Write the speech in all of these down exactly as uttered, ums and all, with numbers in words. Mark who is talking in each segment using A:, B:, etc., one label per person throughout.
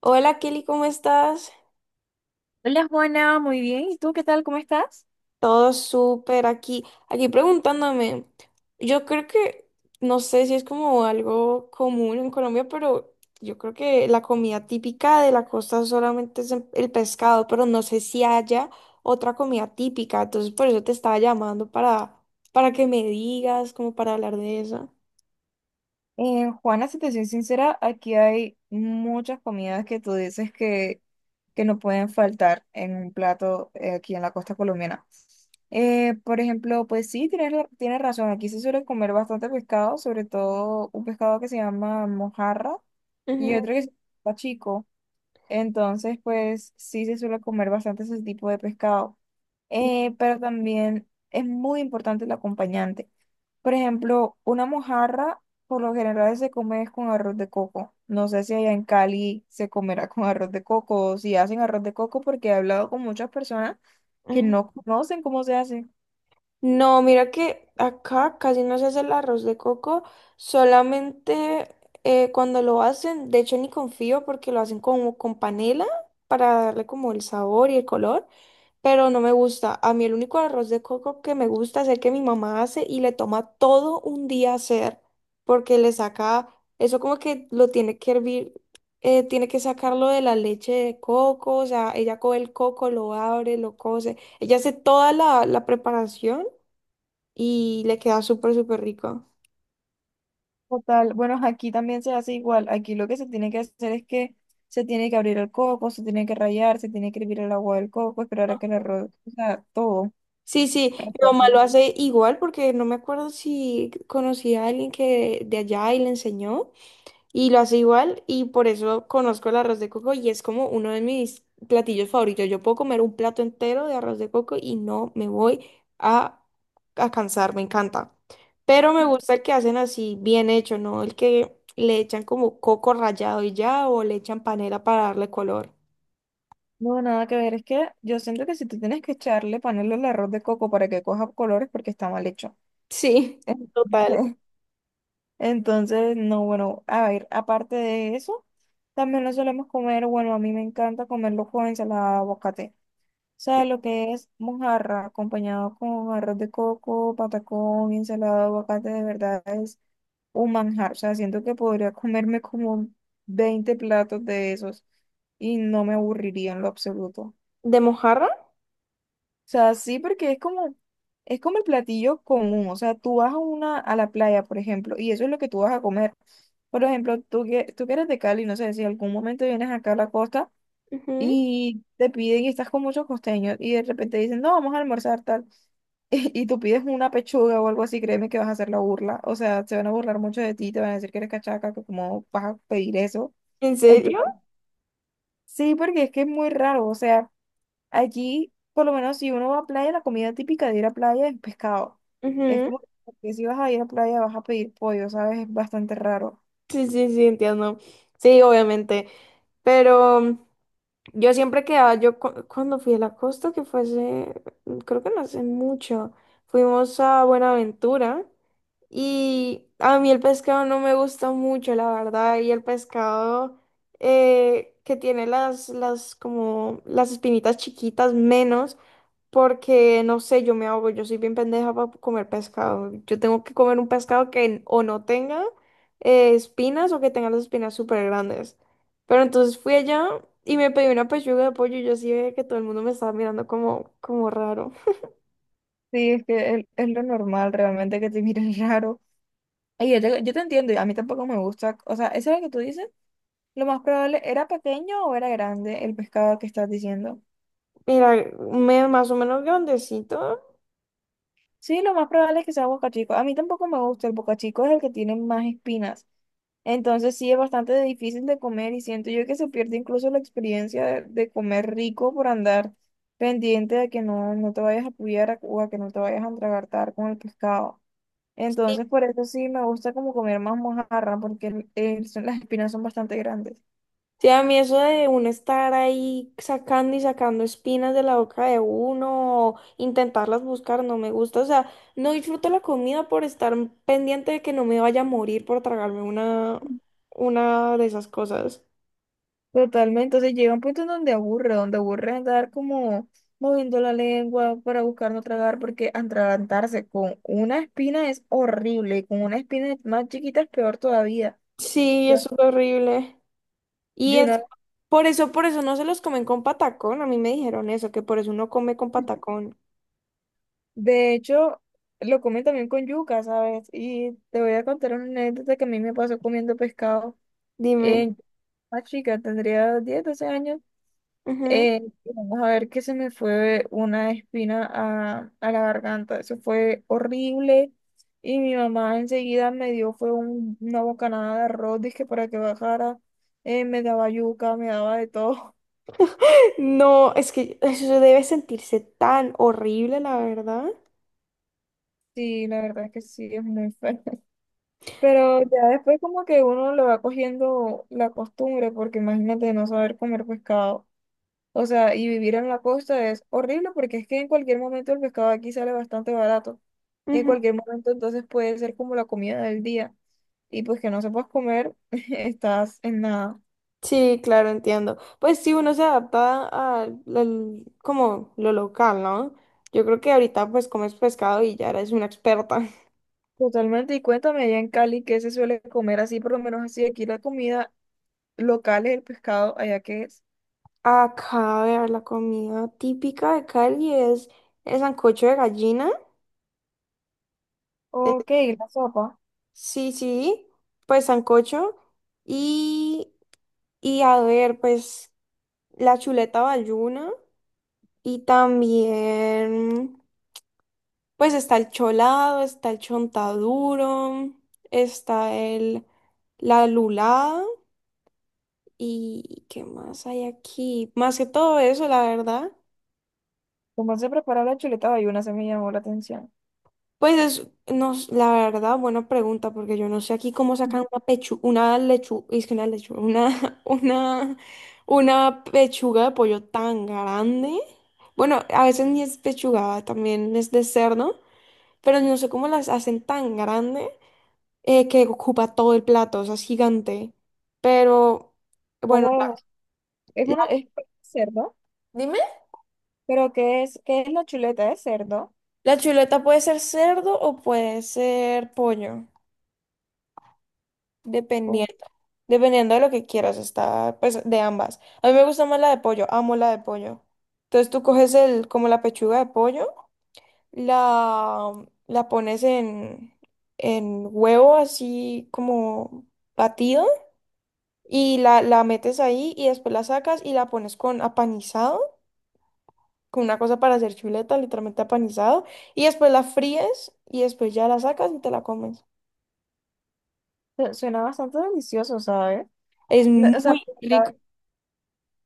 A: Hola Kelly, ¿cómo estás?
B: Hola Juana, muy bien. ¿Y tú qué tal? ¿Cómo estás?
A: Todo súper aquí. Aquí preguntándome, yo creo que, no sé si es como algo común en Colombia, pero yo creo que la comida típica de la costa solamente es el el pescado, pero no sé si haya otra comida típica. Entonces por eso te estaba llamando para, para que me digas, como para hablar de eso.
B: Eh, Juana, si te soy sincera, aquí hay muchas comidas que tú dices que, que no pueden faltar en un plato eh, aquí en la costa colombiana. Eh, por ejemplo, pues sí, tienes, la- tienes razón, aquí se suele comer bastante pescado, sobre todo un pescado que se llama mojarra y otro que se llama chico. Entonces, pues sí se suele comer bastante ese tipo de pescado. Eh, pero también es muy importante el acompañante. Por ejemplo, una mojarra por lo general se come con arroz de coco. No sé si allá en Cali se comerá con arroz de coco o si hacen arroz de coco porque he hablado con muchas personas que no conocen cómo se hace.
A: No, mira que acá casi no se hace el arroz de coco, solamente eh, cuando lo hacen, de hecho ni confío porque lo hacen como con panela para darle como el sabor y el color, pero no me gusta. A mí el único arroz de coco que me gusta es el que mi mamá hace y le toma todo un día hacer porque le saca, eso como que lo tiene que hervir, eh, tiene que sacarlo de la leche de coco, o sea, ella coge el coco, lo abre, lo cose. Ella hace toda la, la preparación y le queda súper, súper rico.
B: Total, bueno, aquí también se hace igual. Aquí lo que se tiene que hacer es que se tiene que abrir el coco, se tiene que rallar, se tiene que hervir el agua del coco, esperar a que el arroz, o sea, todo.
A: Sí, sí, mi mamá lo
B: Entonces,
A: hace igual porque no me acuerdo si conocí a alguien que de allá y le enseñó y lo hace igual y por eso conozco el arroz de coco y es como uno de mis platillos favoritos. Yo puedo comer un plato entero de arroz de coco y no me voy a, a cansar, me encanta. Pero me gusta el que hacen así bien hecho, ¿no? El que le echan como coco rallado y ya o le echan panela para darle color.
B: no, nada que ver, es que yo siento que si tú tienes que echarle, ponerle el arroz de coco para que coja colores porque está mal hecho.
A: Sí,
B: Entonces,
A: total.
B: entonces, no, bueno, a ver, aparte de eso, también lo solemos comer, bueno, a mí me encanta comerlo con ensalada de aguacate. Sea, lo que es mojarra acompañado con arroz de coco, patacón, ensalada de aguacate, de verdad es un manjar. O sea, siento que podría comerme como veinte platos de esos y no me aburriría en lo absoluto. O
A: ¿De mojarra?
B: sea, sí, porque es como, es como el platillo común. O sea, tú vas a una, a la playa, por ejemplo, y eso es lo que tú vas a comer. Por ejemplo, tú que, tú que eres de Cali, no sé si algún momento vienes acá a la costa
A: Ujú.
B: y te piden y estás con muchos costeños y de repente dicen, no, vamos a almorzar tal. Y tú pides una pechuga o algo así, créeme que vas a hacer la burla. O sea, se van a burlar mucho de ti, te van a decir que eres cachaca, que cómo vas a pedir eso.
A: ¿En
B: En plan,
A: serio?
B: sí, porque es que es muy raro. O sea, allí, por lo menos si uno va a playa, la comida típica de ir a playa es pescado. Es
A: Ujú.
B: como que si vas a ir a playa vas a pedir pollo, ¿sabes? Es bastante raro.
A: Sí, sí, sí, entiendo. Sí, obviamente. Pero yo siempre quedaba, yo cu- cuando fui a la costa, que fue hace, creo que no hace mucho, fuimos a Buenaventura y a mí el pescado no me gusta mucho, la verdad, y el pescado eh, que tiene las, las, como, las espinitas chiquitas menos. Porque, no sé, yo me ahogo, yo soy bien pendeja para comer pescado. Yo tengo que comer un pescado que n- o no tenga eh, espinas o que tenga las espinas súper grandes. Pero entonces fui allá y me pedí una pechuga de pollo y yo sí veía que todo el mundo me estaba mirando como, como raro.
B: Sí, es que es, es lo normal realmente que te miren raro. Ay, yo te, yo te entiendo, y a mí tampoco me gusta. O sea, eso es lo que tú dices. Lo más probable, ¿era pequeño o era grande el pescado que estás diciendo?
A: Mira, me, más o menos grandecito.
B: Sí, lo más probable es que sea bocachico. A mí tampoco me gusta. El bocachico es el que tiene más espinas. Entonces sí es bastante difícil de comer y siento yo que se pierde incluso la experiencia de, de comer rico por andar pendiente de que no, no te vayas a apoyar a- o a que no te vayas a entragartar con el pescado. Entonces por eso sí me gusta como comer más mojarra porque el- el- son- las espinas son bastante grandes.
A: Sí, a mí eso de uno estar ahí sacando y sacando espinas de la boca de uno, o intentarlas buscar, no me gusta. O sea, no disfruto la comida por estar pendiente de que no me vaya a morir por tragarme una, una de esas cosas.
B: Totalmente, entonces llega un punto en donde aburre, donde aburre andar como moviendo la lengua para buscar no tragar, porque atragantarse con una espina es horrible, y con una espina más chiquita es peor todavía.
A: Sí,
B: Ya.
A: eso es horrible. Y
B: Yo
A: es,
B: una-
A: por eso, por eso no se los comen con patacón. A mí me dijeron eso, que por eso uno come con patacón.
B: de hecho, lo comen también con yuca, ¿sabes? Y te voy a contar una anécdota que a mí me pasó comiendo pescado
A: Dime.
B: en más chica, tendría diez doce años.
A: Ujú.
B: Eh, vamos a ver, que se me fue una espina a, a la garganta. Eso fue horrible. Y mi mamá enseguida me dio, fue un- una bocanada de arroz, dizque para que bajara. Eh, me daba yuca, me daba de todo.
A: No, es que eso debe sentirse tan horrible, la verdad.
B: Sí, la verdad es que sí, es muy feo. Pero ya después como que uno le va cogiendo la costumbre, porque imagínate no saber comer pescado. O sea, y vivir en la costa es horrible porque es que en cualquier momento el pescado aquí sale bastante barato. En cualquier momento entonces puede ser como la comida del día. Y pues que no sepas comer, estás en nada.
A: Sí, claro, entiendo. Pues sí, uno se adapta a, al- como lo local, ¿no? Yo creo que ahorita pues comes pescado y ya eres una experta.
B: Totalmente. Y cuéntame allá en Cali, ¿qué se suele comer así? Por lo menos así, aquí la comida local es el pescado, allá que es.
A: Acá, a ver, la comida típica de Cali es el sancocho de gallina. Eh,
B: Ok, la sopa.
A: sí, sí, pues sancocho. Y, y a ver, pues la chuleta valluna. Y también, pues está el cholado, está el chontaduro, está el, la lulada y ¿qué más hay aquí? Más que todo eso, la verdad.
B: ¿Cómo se prepara la chuleta bayuna? Se me llamó la atención.
A: Pues es, no, s- la verdad, buena pregunta, porque yo no sé aquí cómo sacan una pechuga, una lechu, es que una lechuga, una, una, una pechuga de pollo tan grande. Bueno, a veces ni es pechuga, también es de cerdo. Pero no sé cómo las hacen tan grande eh, que ocupa todo el plato, o sea, es gigante. Pero, bueno,
B: ¿Cómo
A: la-
B: es? Es
A: la-
B: una, es cerdo,
A: dime,
B: pero ¿qué es, qué es la chuleta de cerdo?
A: la chuleta puede ser cerdo o puede ser pollo, dependiendo, dependiendo de lo que quieras, está, pues, de ambas. A mí me gusta más la de pollo, amo la de pollo. Entonces tú coges el, como la pechuga de pollo, la, la pones en, en huevo así como batido. Y la, la metes ahí y después la sacas y la pones con apanizado, con una cosa para hacer chuleta, literalmente apanizado, y después la fríes y después ya la sacas y te la comes.
B: Su- Suena bastante delicioso, ¿sabes?
A: Es
B: No, o sea,
A: muy rico.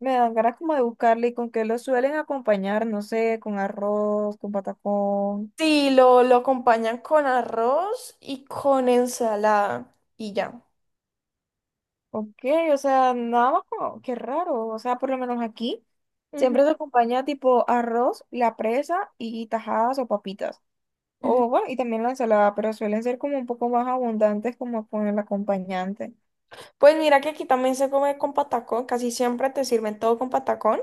B: me dan ganas como de buscarle y con qué lo suelen acompañar, no sé, con arroz, con patacón,
A: Sí, lo, lo acompañan con arroz y con ensalada y ya.
B: ok, o sea, nada más como, qué raro, o sea, por lo menos aquí
A: Ujú,
B: siempre se acompaña tipo arroz, la presa y tajadas o papitas,
A: ujú.
B: o bueno, y también la ensalada, pero suelen ser como un poco más abundantes como con el acompañante,
A: Pues mira que aquí también se come con patacón, casi siempre te sirven todo con patacón.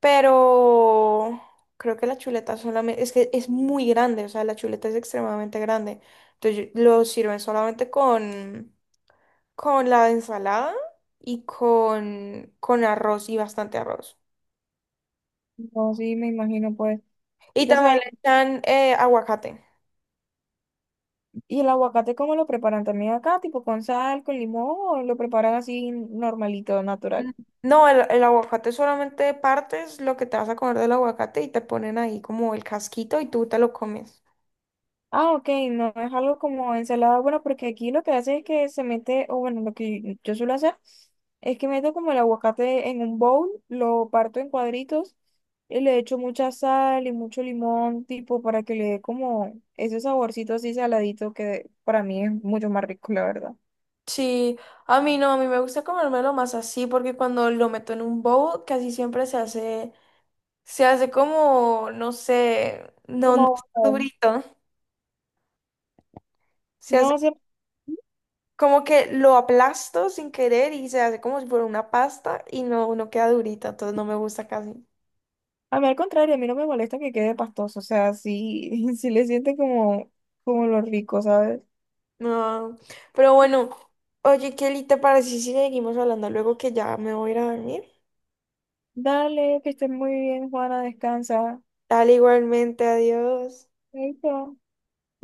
A: Pero creo que la chuleta solamente, es que es muy grande, o sea, la chuleta es extremadamente grande. Entonces yo- lo sirven solamente con, con la ensalada y con, con arroz y bastante arroz.
B: no, sí, me imagino pues,
A: Y
B: y
A: también
B: cosas.
A: le echan eh, aguacate.
B: ¿Y el aguacate cómo lo preparan también acá? ¿Tipo con sal, con limón o lo preparan así normalito,
A: Mm.
B: natural?
A: No, el, el aguacate solamente partes lo que te vas a comer del aguacate y te ponen ahí como el casquito y tú te lo comes.
B: Ah, ok, no es algo como ensalada. Bueno, porque aquí lo que hace es que se mete, o bueno, lo que yo suelo hacer es que meto como el aguacate en un bowl, lo parto en cuadritos y le echo mucha sal y mucho limón, tipo para que le dé como ese saborcito así saladito que para mí es mucho más rico, la verdad.
A: Sí, a mí no, a mí me gusta comérmelo más así porque cuando lo meto en un bowl casi siempre se hace. Se hace como, no sé, no, no
B: Como
A: es
B: aguacate.
A: durito. Se
B: No
A: hace
B: sé.
A: como que lo aplasto sin querer y se hace como si fuera una pasta y no, no queda durita, entonces no me gusta casi.
B: A mí al contrario, a mí no me molesta que quede pastoso, o sea, sí, sí le siente como, como lo rico, ¿sabes?
A: No. Pero bueno, oye, Kelly, ¿te parece si seguimos hablando luego que ya me voy a ir a dormir?
B: Dale, que estés muy bien, Juana, descansa.
A: Dale igualmente, adiós.
B: Ahí está.